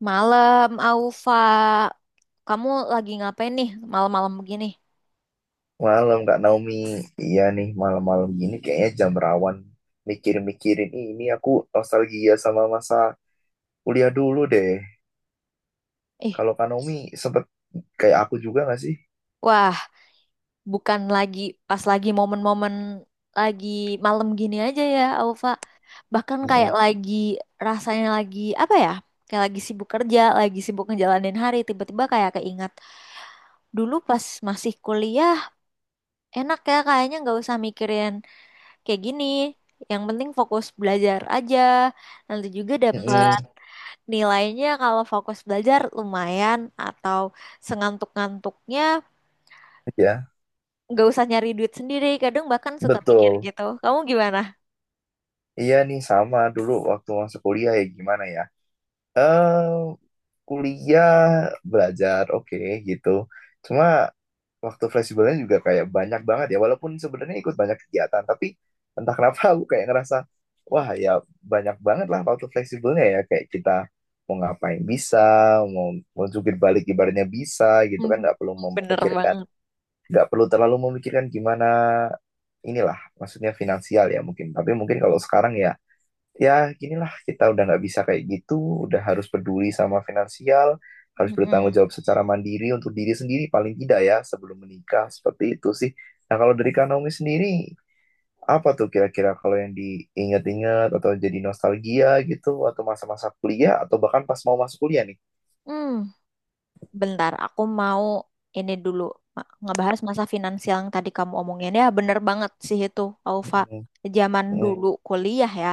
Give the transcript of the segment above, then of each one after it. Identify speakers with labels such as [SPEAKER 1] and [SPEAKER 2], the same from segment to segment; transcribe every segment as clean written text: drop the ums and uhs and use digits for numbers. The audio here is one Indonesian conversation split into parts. [SPEAKER 1] Malam, Aufa. Kamu lagi ngapain nih malam-malam begini?
[SPEAKER 2] Malam Kak Naomi, iya nih malam-malam gini kayaknya jam rawan mikir-mikirin "Ih, ini aku nostalgia sama masa kuliah dulu deh."
[SPEAKER 1] Ih,
[SPEAKER 2] Kalau Kak Naomi sempet kayak aku juga nggak sih?
[SPEAKER 1] wah, bukan lagi pas lagi momen-momen lagi malam gini aja ya, Aufa. Bahkan kayak
[SPEAKER 2] Mm-mm.
[SPEAKER 1] lagi rasanya lagi apa ya? Kayak lagi sibuk kerja, lagi sibuk ngejalanin hari, tiba-tiba kayak keingat dulu pas masih kuliah, enak ya kayaknya nggak usah mikirin kayak gini. Yang penting fokus belajar aja. Nanti juga dapat
[SPEAKER 2] Mm-mm.
[SPEAKER 1] nilainya kalau fokus belajar lumayan, atau sengantuk-ngantuknya
[SPEAKER 2] Ya,
[SPEAKER 1] nggak usah nyari duit sendiri. Kadang bahkan suka mikir
[SPEAKER 2] betul.
[SPEAKER 1] gitu. Kamu gimana?
[SPEAKER 2] Iya nih sama dulu waktu masa kuliah ya gimana ya? Eh Kuliah belajar oke gitu. Cuma waktu fleksibelnya juga kayak banyak banget ya, walaupun sebenarnya ikut banyak kegiatan, tapi entah kenapa aku kayak ngerasa wah ya banyak banget lah waktu fleksibelnya ya, kayak kita mau ngapain bisa, mau mau jungkir balik ibaratnya bisa gitu kan,
[SPEAKER 1] Mhm.
[SPEAKER 2] nggak perlu
[SPEAKER 1] Bener
[SPEAKER 2] memikirkan
[SPEAKER 1] banget.
[SPEAKER 2] nggak perlu terlalu memikirkan gimana inilah maksudnya finansial ya mungkin. Tapi mungkin kalau sekarang ya ginilah, kita udah nggak bisa kayak gitu, udah harus peduli sama finansial, harus bertanggung
[SPEAKER 1] Mm-mm.
[SPEAKER 2] jawab secara mandiri untuk diri sendiri paling tidak ya sebelum menikah seperti itu sih. Nah, kalau dari Kak Naomi sendiri apa tuh kira-kira kalau yang diingat-ingat atau jadi nostalgia gitu, atau masa-masa kuliah atau bahkan pas mau masuk kuliah nih?
[SPEAKER 1] Hmm, bentar, aku mau ini dulu ngebahas masa finansial yang tadi kamu omongin ya. Bener banget sih itu, Alfa.
[SPEAKER 2] Mm.
[SPEAKER 1] Zaman
[SPEAKER 2] Mm.
[SPEAKER 1] dulu kuliah ya,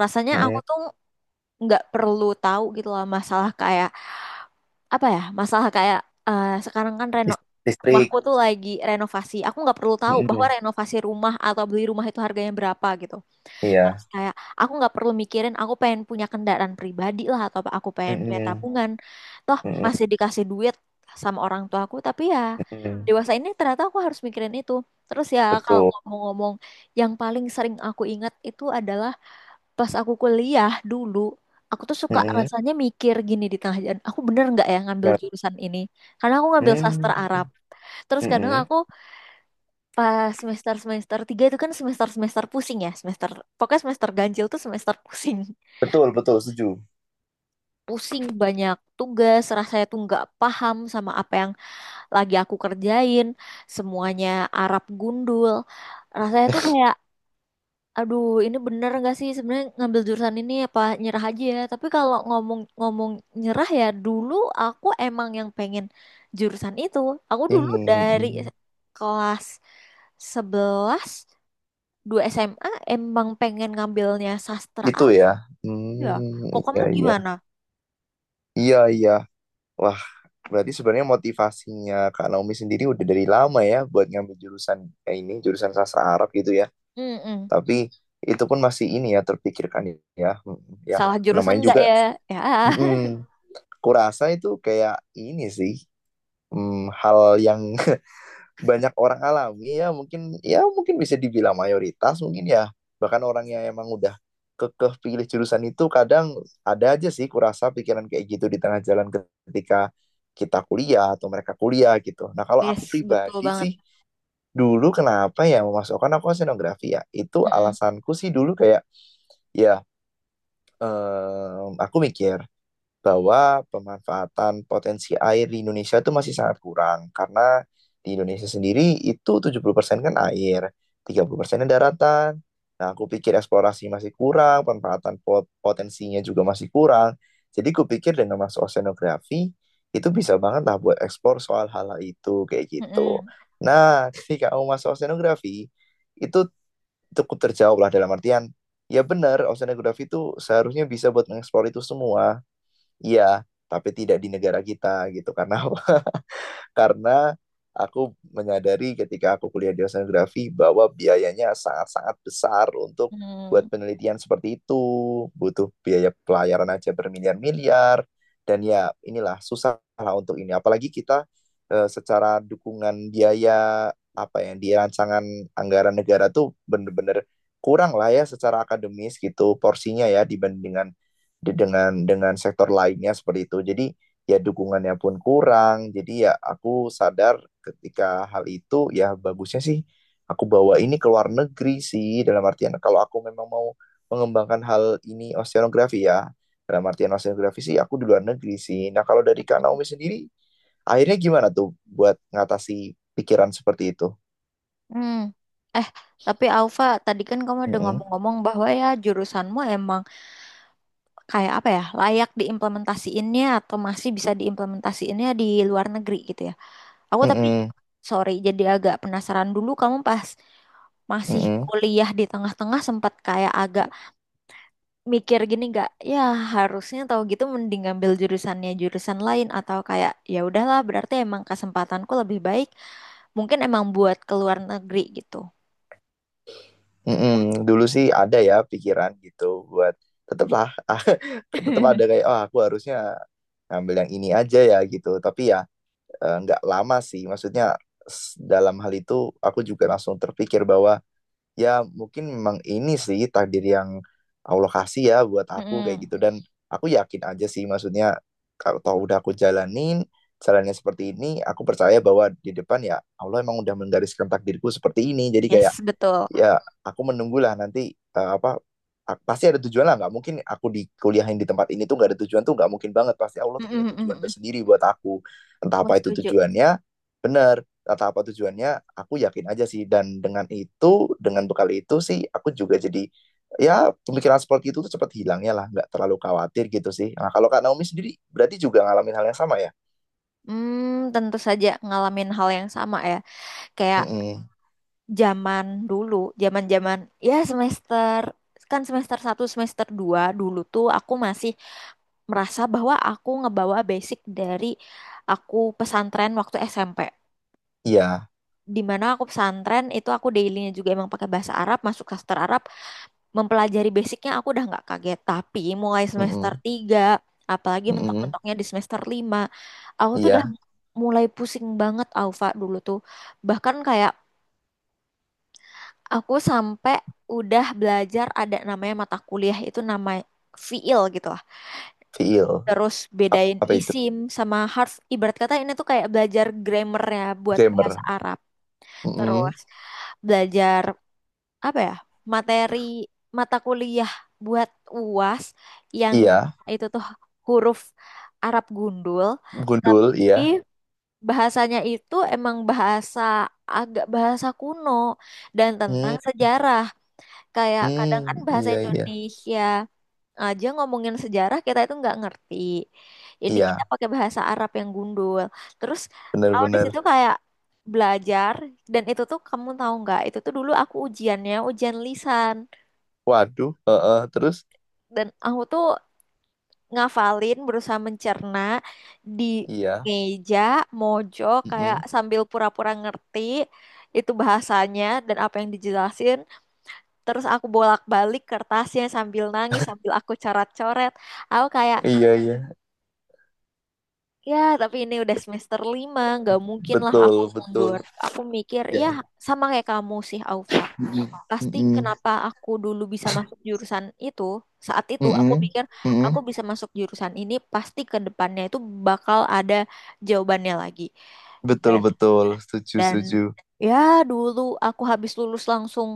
[SPEAKER 1] rasanya aku
[SPEAKER 2] Mm.
[SPEAKER 1] tuh nggak perlu tahu gitu lah masalah kayak apa ya, masalah kayak eh, sekarang kan
[SPEAKER 2] dis- Distrik.
[SPEAKER 1] rumahku tuh lagi renovasi. Aku nggak perlu tahu bahwa
[SPEAKER 2] Mm.
[SPEAKER 1] renovasi rumah atau beli rumah itu harganya berapa gitu. Terus
[SPEAKER 2] Iya.
[SPEAKER 1] kayak aku nggak perlu mikirin, aku pengen punya kendaraan pribadi lah atau apa, aku pengen punya
[SPEAKER 2] Mm.
[SPEAKER 1] tabungan. Toh
[SPEAKER 2] Mm.
[SPEAKER 1] masih dikasih duit sama orang tua aku, tapi ya
[SPEAKER 2] Mm.
[SPEAKER 1] dewasa ini ternyata aku harus mikirin itu. Terus ya kalau
[SPEAKER 2] Betul.
[SPEAKER 1] ngomong-ngomong, yang paling sering aku ingat itu adalah pas aku kuliah dulu, aku tuh suka
[SPEAKER 2] Mm.
[SPEAKER 1] rasanya mikir gini di tengah jalan, aku bener nggak ya ngambil
[SPEAKER 2] Mm.
[SPEAKER 1] jurusan ini? Karena aku ngambil sastra
[SPEAKER 2] Mm.
[SPEAKER 1] Arab. Terus kadang
[SPEAKER 2] Mm.
[SPEAKER 1] aku pas semester-semester tiga itu kan semester-semester pusing ya, semester, pokoknya semester ganjil tuh semester pusing.
[SPEAKER 2] Betul betul setuju.
[SPEAKER 1] Pusing banyak tugas, rasanya tuh nggak paham sama apa yang lagi aku kerjain, semuanya Arab gundul. Rasanya tuh kayak, aduh, ini bener nggak sih sebenarnya ngambil jurusan ini apa nyerah aja ya? Tapi kalau ngomong-ngomong nyerah ya, dulu aku emang yang pengen jurusan itu. Aku dulu
[SPEAKER 2] Ini
[SPEAKER 1] dari
[SPEAKER 2] mm,
[SPEAKER 1] kelas 11, 2 SMA emang pengen ngambilnya sastra
[SPEAKER 2] itu ya.
[SPEAKER 1] aja. Hmm. Kok
[SPEAKER 2] Hmm,
[SPEAKER 1] kamu
[SPEAKER 2] iya iya.
[SPEAKER 1] gimana?
[SPEAKER 2] Iya iya. Wah, berarti sebenarnya motivasinya Kak Naomi sendiri udah dari lama ya buat ngambil jurusan kayak ini, jurusan sastra Arab gitu ya.
[SPEAKER 1] Mm-mm.
[SPEAKER 2] Tapi itu pun masih ini ya, terpikirkan ya. Mm. Ya,
[SPEAKER 1] Salah jurusan
[SPEAKER 2] namanya
[SPEAKER 1] nggak
[SPEAKER 2] juga
[SPEAKER 1] ya? Ya,
[SPEAKER 2] mm, kurasa itu kayak ini sih hal yang banyak orang alami ya, mungkin ya, mungkin bisa dibilang mayoritas mungkin ya. Bahkan orang yang emang udah kekeh pilih jurusan itu kadang ada aja sih kurasa pikiran kayak gitu di tengah jalan ketika kita kuliah atau mereka kuliah gitu. Nah, kalau aku
[SPEAKER 1] yes, betul
[SPEAKER 2] pribadi
[SPEAKER 1] banget.
[SPEAKER 2] sih dulu kenapa ya memasukkan aku ke senografi ya, itu
[SPEAKER 1] Mm-mm.
[SPEAKER 2] alasanku sih dulu kayak ya aku mikir bahwa pemanfaatan potensi air di Indonesia itu masih sangat kurang, karena di Indonesia sendiri itu 70% kan air, 30% daratan. Nah, aku pikir eksplorasi masih kurang, pemanfaatan potensinya juga masih kurang. Jadi aku pikir dengan masuk oceanografi itu bisa banget lah buat eksplor soal hal-hal itu kayak gitu.
[SPEAKER 1] Mm-mm.
[SPEAKER 2] Nah, ketika kamu masuk oceanografi itu cukup terjawab lah, dalam artian ya benar oceanografi itu seharusnya bisa buat mengeksplor itu semua, iya, tapi tidak di negara kita gitu. Karena apa? Karena aku menyadari ketika aku kuliah di oceanografi bahwa biayanya sangat-sangat besar untuk buat penelitian seperti itu, butuh biaya pelayaran aja bermiliar-miliar, dan ya inilah susah lah untuk ini. Apalagi kita secara dukungan biaya apa yang di rancangan anggaran negara tuh bener-bener kurang lah ya secara akademis gitu porsinya ya, dibanding dengan dengan sektor lainnya seperti itu. Jadi ya dukungannya pun kurang. Jadi ya aku sadar ketika hal itu ya bagusnya sih aku bawa ini ke luar negeri sih, dalam artian kalau aku memang mau mengembangkan hal ini, oceanografi ya. Dalam artian oceanografi sih aku di luar negeri sih. Nah, kalau dari Kak
[SPEAKER 1] Mm.
[SPEAKER 2] Naomi sendiri akhirnya gimana tuh buat ngatasi pikiran seperti itu?
[SPEAKER 1] Hmm. Eh, tapi Alfa, tadi kan kamu udah
[SPEAKER 2] Mm-mm,
[SPEAKER 1] ngomong-ngomong bahwa ya jurusanmu emang kayak apa ya, layak diimplementasiinnya atau masih bisa diimplementasiinnya di luar negeri gitu ya. Aku tapi,
[SPEAKER 2] mm-mm,
[SPEAKER 1] sorry, jadi agak penasaran, dulu kamu pas masih
[SPEAKER 2] mm-mm,
[SPEAKER 1] kuliah di tengah-tengah sempat kayak agak mikir gini gak, ya harusnya tahu gitu mending ngambil jurusannya jurusan lain, atau kayak ya udahlah berarti emang kesempatanku lebih baik, mungkin emang buat ke luar negeri gitu.
[SPEAKER 2] mm-mm. Dulu sih ada ya pikiran gitu buat tetaplah, tetap ada kayak oh aku harusnya ngambil yang ini aja ya gitu. Tapi ya nggak lama sih, maksudnya dalam hal itu aku juga langsung terpikir bahwa ya mungkin memang ini sih takdir yang Allah kasih ya buat aku kayak
[SPEAKER 1] Mm-mm.
[SPEAKER 2] gitu. Dan aku yakin aja sih maksudnya kalau tau udah aku jalanin jalannya seperti ini, aku percaya bahwa di depan ya Allah emang udah menggariskan takdirku seperti ini. Jadi kayak
[SPEAKER 1] Yes, betul.
[SPEAKER 2] ya aku menunggulah nanti apa pasti ada tujuan lah, nggak mungkin aku di kuliahin di tempat ini tuh nggak ada tujuan, tuh nggak mungkin banget, pasti Allah tuh
[SPEAKER 1] Mm-mm,
[SPEAKER 2] punya
[SPEAKER 1] mm-mm,
[SPEAKER 2] tujuan
[SPEAKER 1] mm.
[SPEAKER 2] tersendiri buat aku entah
[SPEAKER 1] Aku
[SPEAKER 2] apa itu
[SPEAKER 1] setuju.
[SPEAKER 2] tujuannya. Bener, entah apa tujuannya, aku yakin aja sih. Dan dengan itu, dengan bekal itu sih, aku juga jadi ya pemikiran seperti itu tuh cepat hilangnya lah, nggak terlalu khawatir gitu sih. Nah, kalau Kak Naomi sendiri berarti juga ngalamin hal yang sama ya.
[SPEAKER 1] Hmm, tentu saja ngalamin hal yang sama ya. Kayak
[SPEAKER 2] Mm-mm.
[SPEAKER 1] zaman dulu, zaman-zaman ya semester, kan semester 1 semester 2 dulu tuh aku masih merasa bahwa aku ngebawa basic dari aku pesantren waktu SMP.
[SPEAKER 2] Iya.
[SPEAKER 1] Di mana aku pesantren itu aku dailynya juga emang pakai bahasa Arab, masuk sastra Arab, mempelajari basicnya aku udah nggak kaget. Tapi mulai semester
[SPEAKER 2] Mm-mm.
[SPEAKER 1] tiga apalagi
[SPEAKER 2] Mm-mm.
[SPEAKER 1] mentok-mentoknya di semester 5, aku tuh udah
[SPEAKER 2] Iya.
[SPEAKER 1] mulai pusing banget Alfa dulu tuh. Bahkan kayak aku sampai udah belajar, ada namanya mata kuliah itu nama fiil gitu lah.
[SPEAKER 2] Feel.
[SPEAKER 1] Terus bedain
[SPEAKER 2] Apa itu
[SPEAKER 1] isim sama harf. Ibarat kata ini tuh kayak belajar grammarnya buat
[SPEAKER 2] gamer?
[SPEAKER 1] bahasa Arab.
[SPEAKER 2] Mm-mm.
[SPEAKER 1] Terus belajar apa ya materi mata kuliah buat UAS yang
[SPEAKER 2] Iya,
[SPEAKER 1] itu tuh huruf Arab gundul,
[SPEAKER 2] gundul, iya.
[SPEAKER 1] tapi bahasanya itu emang bahasa, agak bahasa kuno, dan tentang
[SPEAKER 2] Hmm,
[SPEAKER 1] sejarah. Kayak kadang kan
[SPEAKER 2] hmm,
[SPEAKER 1] bahasa
[SPEAKER 2] iya, iya.
[SPEAKER 1] Indonesia aja ngomongin sejarah kita itu nggak ngerti. Ini kita
[SPEAKER 2] Iya,
[SPEAKER 1] pakai bahasa Arab yang gundul. Terus aku di situ
[SPEAKER 2] benar-benar.
[SPEAKER 1] kayak belajar, dan itu tuh kamu tahu nggak? Itu tuh dulu aku ujiannya ujian lisan,
[SPEAKER 2] Waduh, heeh, terus
[SPEAKER 1] dan aku tuh ngafalin, berusaha mencerna di
[SPEAKER 2] iya.
[SPEAKER 1] meja mojok kayak
[SPEAKER 2] Mm-mm.
[SPEAKER 1] sambil pura-pura ngerti itu bahasanya dan apa yang dijelasin, terus aku bolak-balik kertasnya sambil nangis, sambil aku coret-coret, aku kayak,
[SPEAKER 2] Iya, iya.
[SPEAKER 1] ya, tapi ini udah semester 5, nggak mungkin lah aku
[SPEAKER 2] Betul,
[SPEAKER 1] mundur.
[SPEAKER 2] betul.
[SPEAKER 1] Aku mikir, ya
[SPEAKER 2] Iya.
[SPEAKER 1] sama kayak kamu sih, Aufa.
[SPEAKER 2] Mm-mm,
[SPEAKER 1] Pasti
[SPEAKER 2] mm-mm,
[SPEAKER 1] kenapa aku dulu bisa masuk jurusan itu, saat itu aku
[SPEAKER 2] mm-mm,
[SPEAKER 1] mikir aku
[SPEAKER 2] mm-mm.
[SPEAKER 1] bisa masuk jurusan ini, pasti ke depannya itu bakal ada jawabannya lagi.
[SPEAKER 2] Betul,
[SPEAKER 1] Dan,
[SPEAKER 2] betul. Setuju,
[SPEAKER 1] dan
[SPEAKER 2] setuju.
[SPEAKER 1] ya dulu aku habis lulus langsung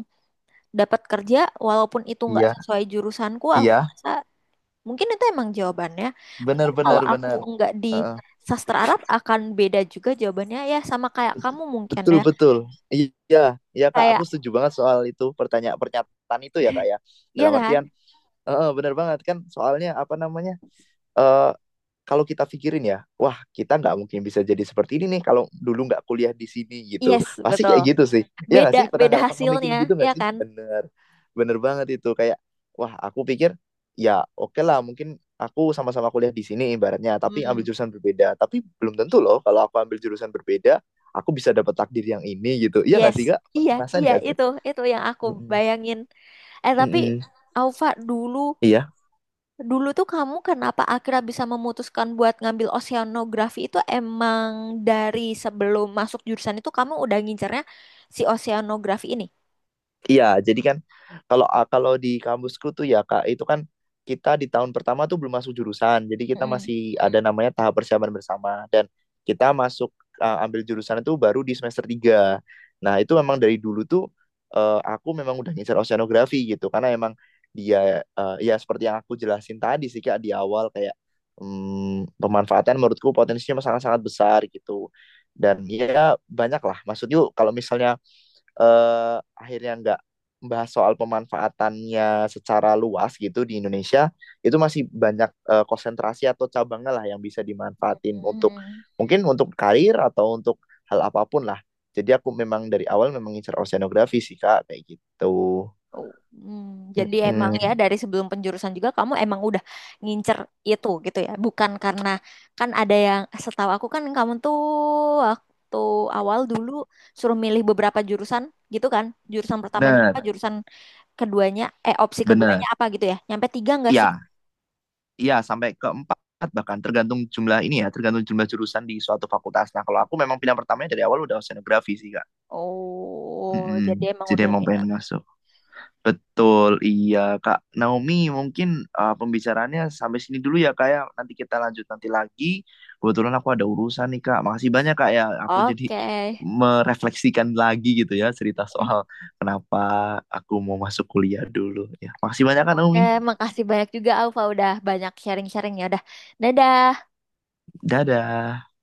[SPEAKER 1] dapat kerja, walaupun itu nggak
[SPEAKER 2] Iya,
[SPEAKER 1] sesuai jurusanku, aku
[SPEAKER 2] iya.
[SPEAKER 1] merasa mungkin itu emang jawabannya.
[SPEAKER 2] Benar,
[SPEAKER 1] Mungkin kalau
[SPEAKER 2] benar,
[SPEAKER 1] Aku
[SPEAKER 2] benar.
[SPEAKER 1] nggak di
[SPEAKER 2] Heeh.
[SPEAKER 1] sastra Arab akan beda juga jawabannya, ya sama kayak kamu mungkin
[SPEAKER 2] Betul,
[SPEAKER 1] ya.
[SPEAKER 2] betul. Iya, iya Kak, aku
[SPEAKER 1] Kayak,
[SPEAKER 2] setuju banget soal itu, pertanyaan pernyataan itu ya Kak ya.
[SPEAKER 1] ya
[SPEAKER 2] Dalam artian,
[SPEAKER 1] kan?
[SPEAKER 2] heeh, benar banget kan, soalnya apa namanya? eh, Kalau kita pikirin ya, wah kita nggak mungkin bisa jadi seperti ini nih kalau dulu nggak kuliah di sini gitu.
[SPEAKER 1] Yes,
[SPEAKER 2] Pasti
[SPEAKER 1] betul.
[SPEAKER 2] kayak gitu sih. Iya nggak
[SPEAKER 1] Beda
[SPEAKER 2] sih? Pernah
[SPEAKER 1] beda
[SPEAKER 2] nggak, pernah mikirin gitu
[SPEAKER 1] hasilnya,
[SPEAKER 2] nggak
[SPEAKER 1] ya
[SPEAKER 2] sih?
[SPEAKER 1] kan?
[SPEAKER 2] Bener, bener banget itu. Kayak, wah aku pikir ya oke lah mungkin aku sama-sama kuliah di sini ibaratnya, tapi ambil
[SPEAKER 1] Hmm.
[SPEAKER 2] jurusan berbeda. Tapi belum tentu loh kalau aku ambil jurusan berbeda, aku bisa dapat takdir yang ini gitu. Iya nggak
[SPEAKER 1] Yes.
[SPEAKER 2] sih Kak? Pernah
[SPEAKER 1] Iya,
[SPEAKER 2] ngerasain
[SPEAKER 1] iya
[SPEAKER 2] nggak sih?
[SPEAKER 1] itu yang aku
[SPEAKER 2] Mm-mm.
[SPEAKER 1] bayangin. Eh tapi
[SPEAKER 2] Mm-mm.
[SPEAKER 1] Aufa, dulu
[SPEAKER 2] Iya.
[SPEAKER 1] dulu tuh kamu kenapa akhirnya bisa memutuskan buat ngambil oceanografi? Itu emang dari sebelum masuk jurusan itu kamu udah ngincernya si oceanografi ini?
[SPEAKER 2] Iya, jadi kan kalau di kampusku tuh ya Kak, itu kan kita di tahun pertama tuh belum masuk jurusan. Jadi kita
[SPEAKER 1] Mm.
[SPEAKER 2] masih ada namanya tahap persiapan bersama, dan kita masuk ambil jurusan itu baru di semester tiga. Nah, itu memang dari dulu tuh aku memang udah ngincer oceanografi gitu, karena emang dia ya seperti yang aku jelasin tadi sih Kak di awal, kayak pemanfaatan menurutku potensinya sangat-sangat besar gitu. Dan ya banyak lah. Maksudnya kalau misalnya eh, akhirnya nggak membahas soal pemanfaatannya secara luas gitu di Indonesia, itu masih banyak konsentrasi atau cabangnya lah yang bisa dimanfaatin untuk
[SPEAKER 1] Hmm.
[SPEAKER 2] mungkin untuk karir atau untuk hal apapun lah. Jadi aku memang dari awal memang ngincer oceanografi sih Kak, kayak gitu.
[SPEAKER 1] Oh, hmm. Jadi emang ya
[SPEAKER 2] Mm-mm.
[SPEAKER 1] dari sebelum penjurusan juga kamu emang udah ngincer itu gitu ya. Bukan karena, kan ada yang setahu aku kan kamu tuh waktu awal dulu suruh milih beberapa jurusan gitu kan. Jurusan pertamanya apa,
[SPEAKER 2] Benar,
[SPEAKER 1] jurusan keduanya, eh opsi keduanya
[SPEAKER 2] benar.
[SPEAKER 1] apa gitu ya. Nyampe tiga nggak sih?
[SPEAKER 2] Ya, sampai keempat bahkan, tergantung jumlah ini ya, tergantung jumlah jurusan di suatu fakultas. Nah, kalau aku memang pilihan pertamanya dari awal udah oceanografi sih Kak.
[SPEAKER 1] Oh, jadi
[SPEAKER 2] Mm-mm.
[SPEAKER 1] emang
[SPEAKER 2] Jadi
[SPEAKER 1] udah
[SPEAKER 2] emang
[SPEAKER 1] minat.
[SPEAKER 2] pengen masuk. Betul, iya Kak Naomi. Mungkin pembicaraannya sampai sini dulu ya Kak ya. Nanti kita lanjut nanti lagi. Kebetulan aku ada urusan nih Kak. Makasih banyak Kak ya. Aku jadi
[SPEAKER 1] Oke.
[SPEAKER 2] merefleksikan lagi gitu ya, cerita
[SPEAKER 1] Hmm,
[SPEAKER 2] soal kenapa aku mau masuk kuliah dulu. Ya, makasih banyak Kak
[SPEAKER 1] oke,
[SPEAKER 2] Naomi.
[SPEAKER 1] makasih banyak juga Alfa udah banyak sharing-sharingnya. Udah, dadah.
[SPEAKER 2] Dadah.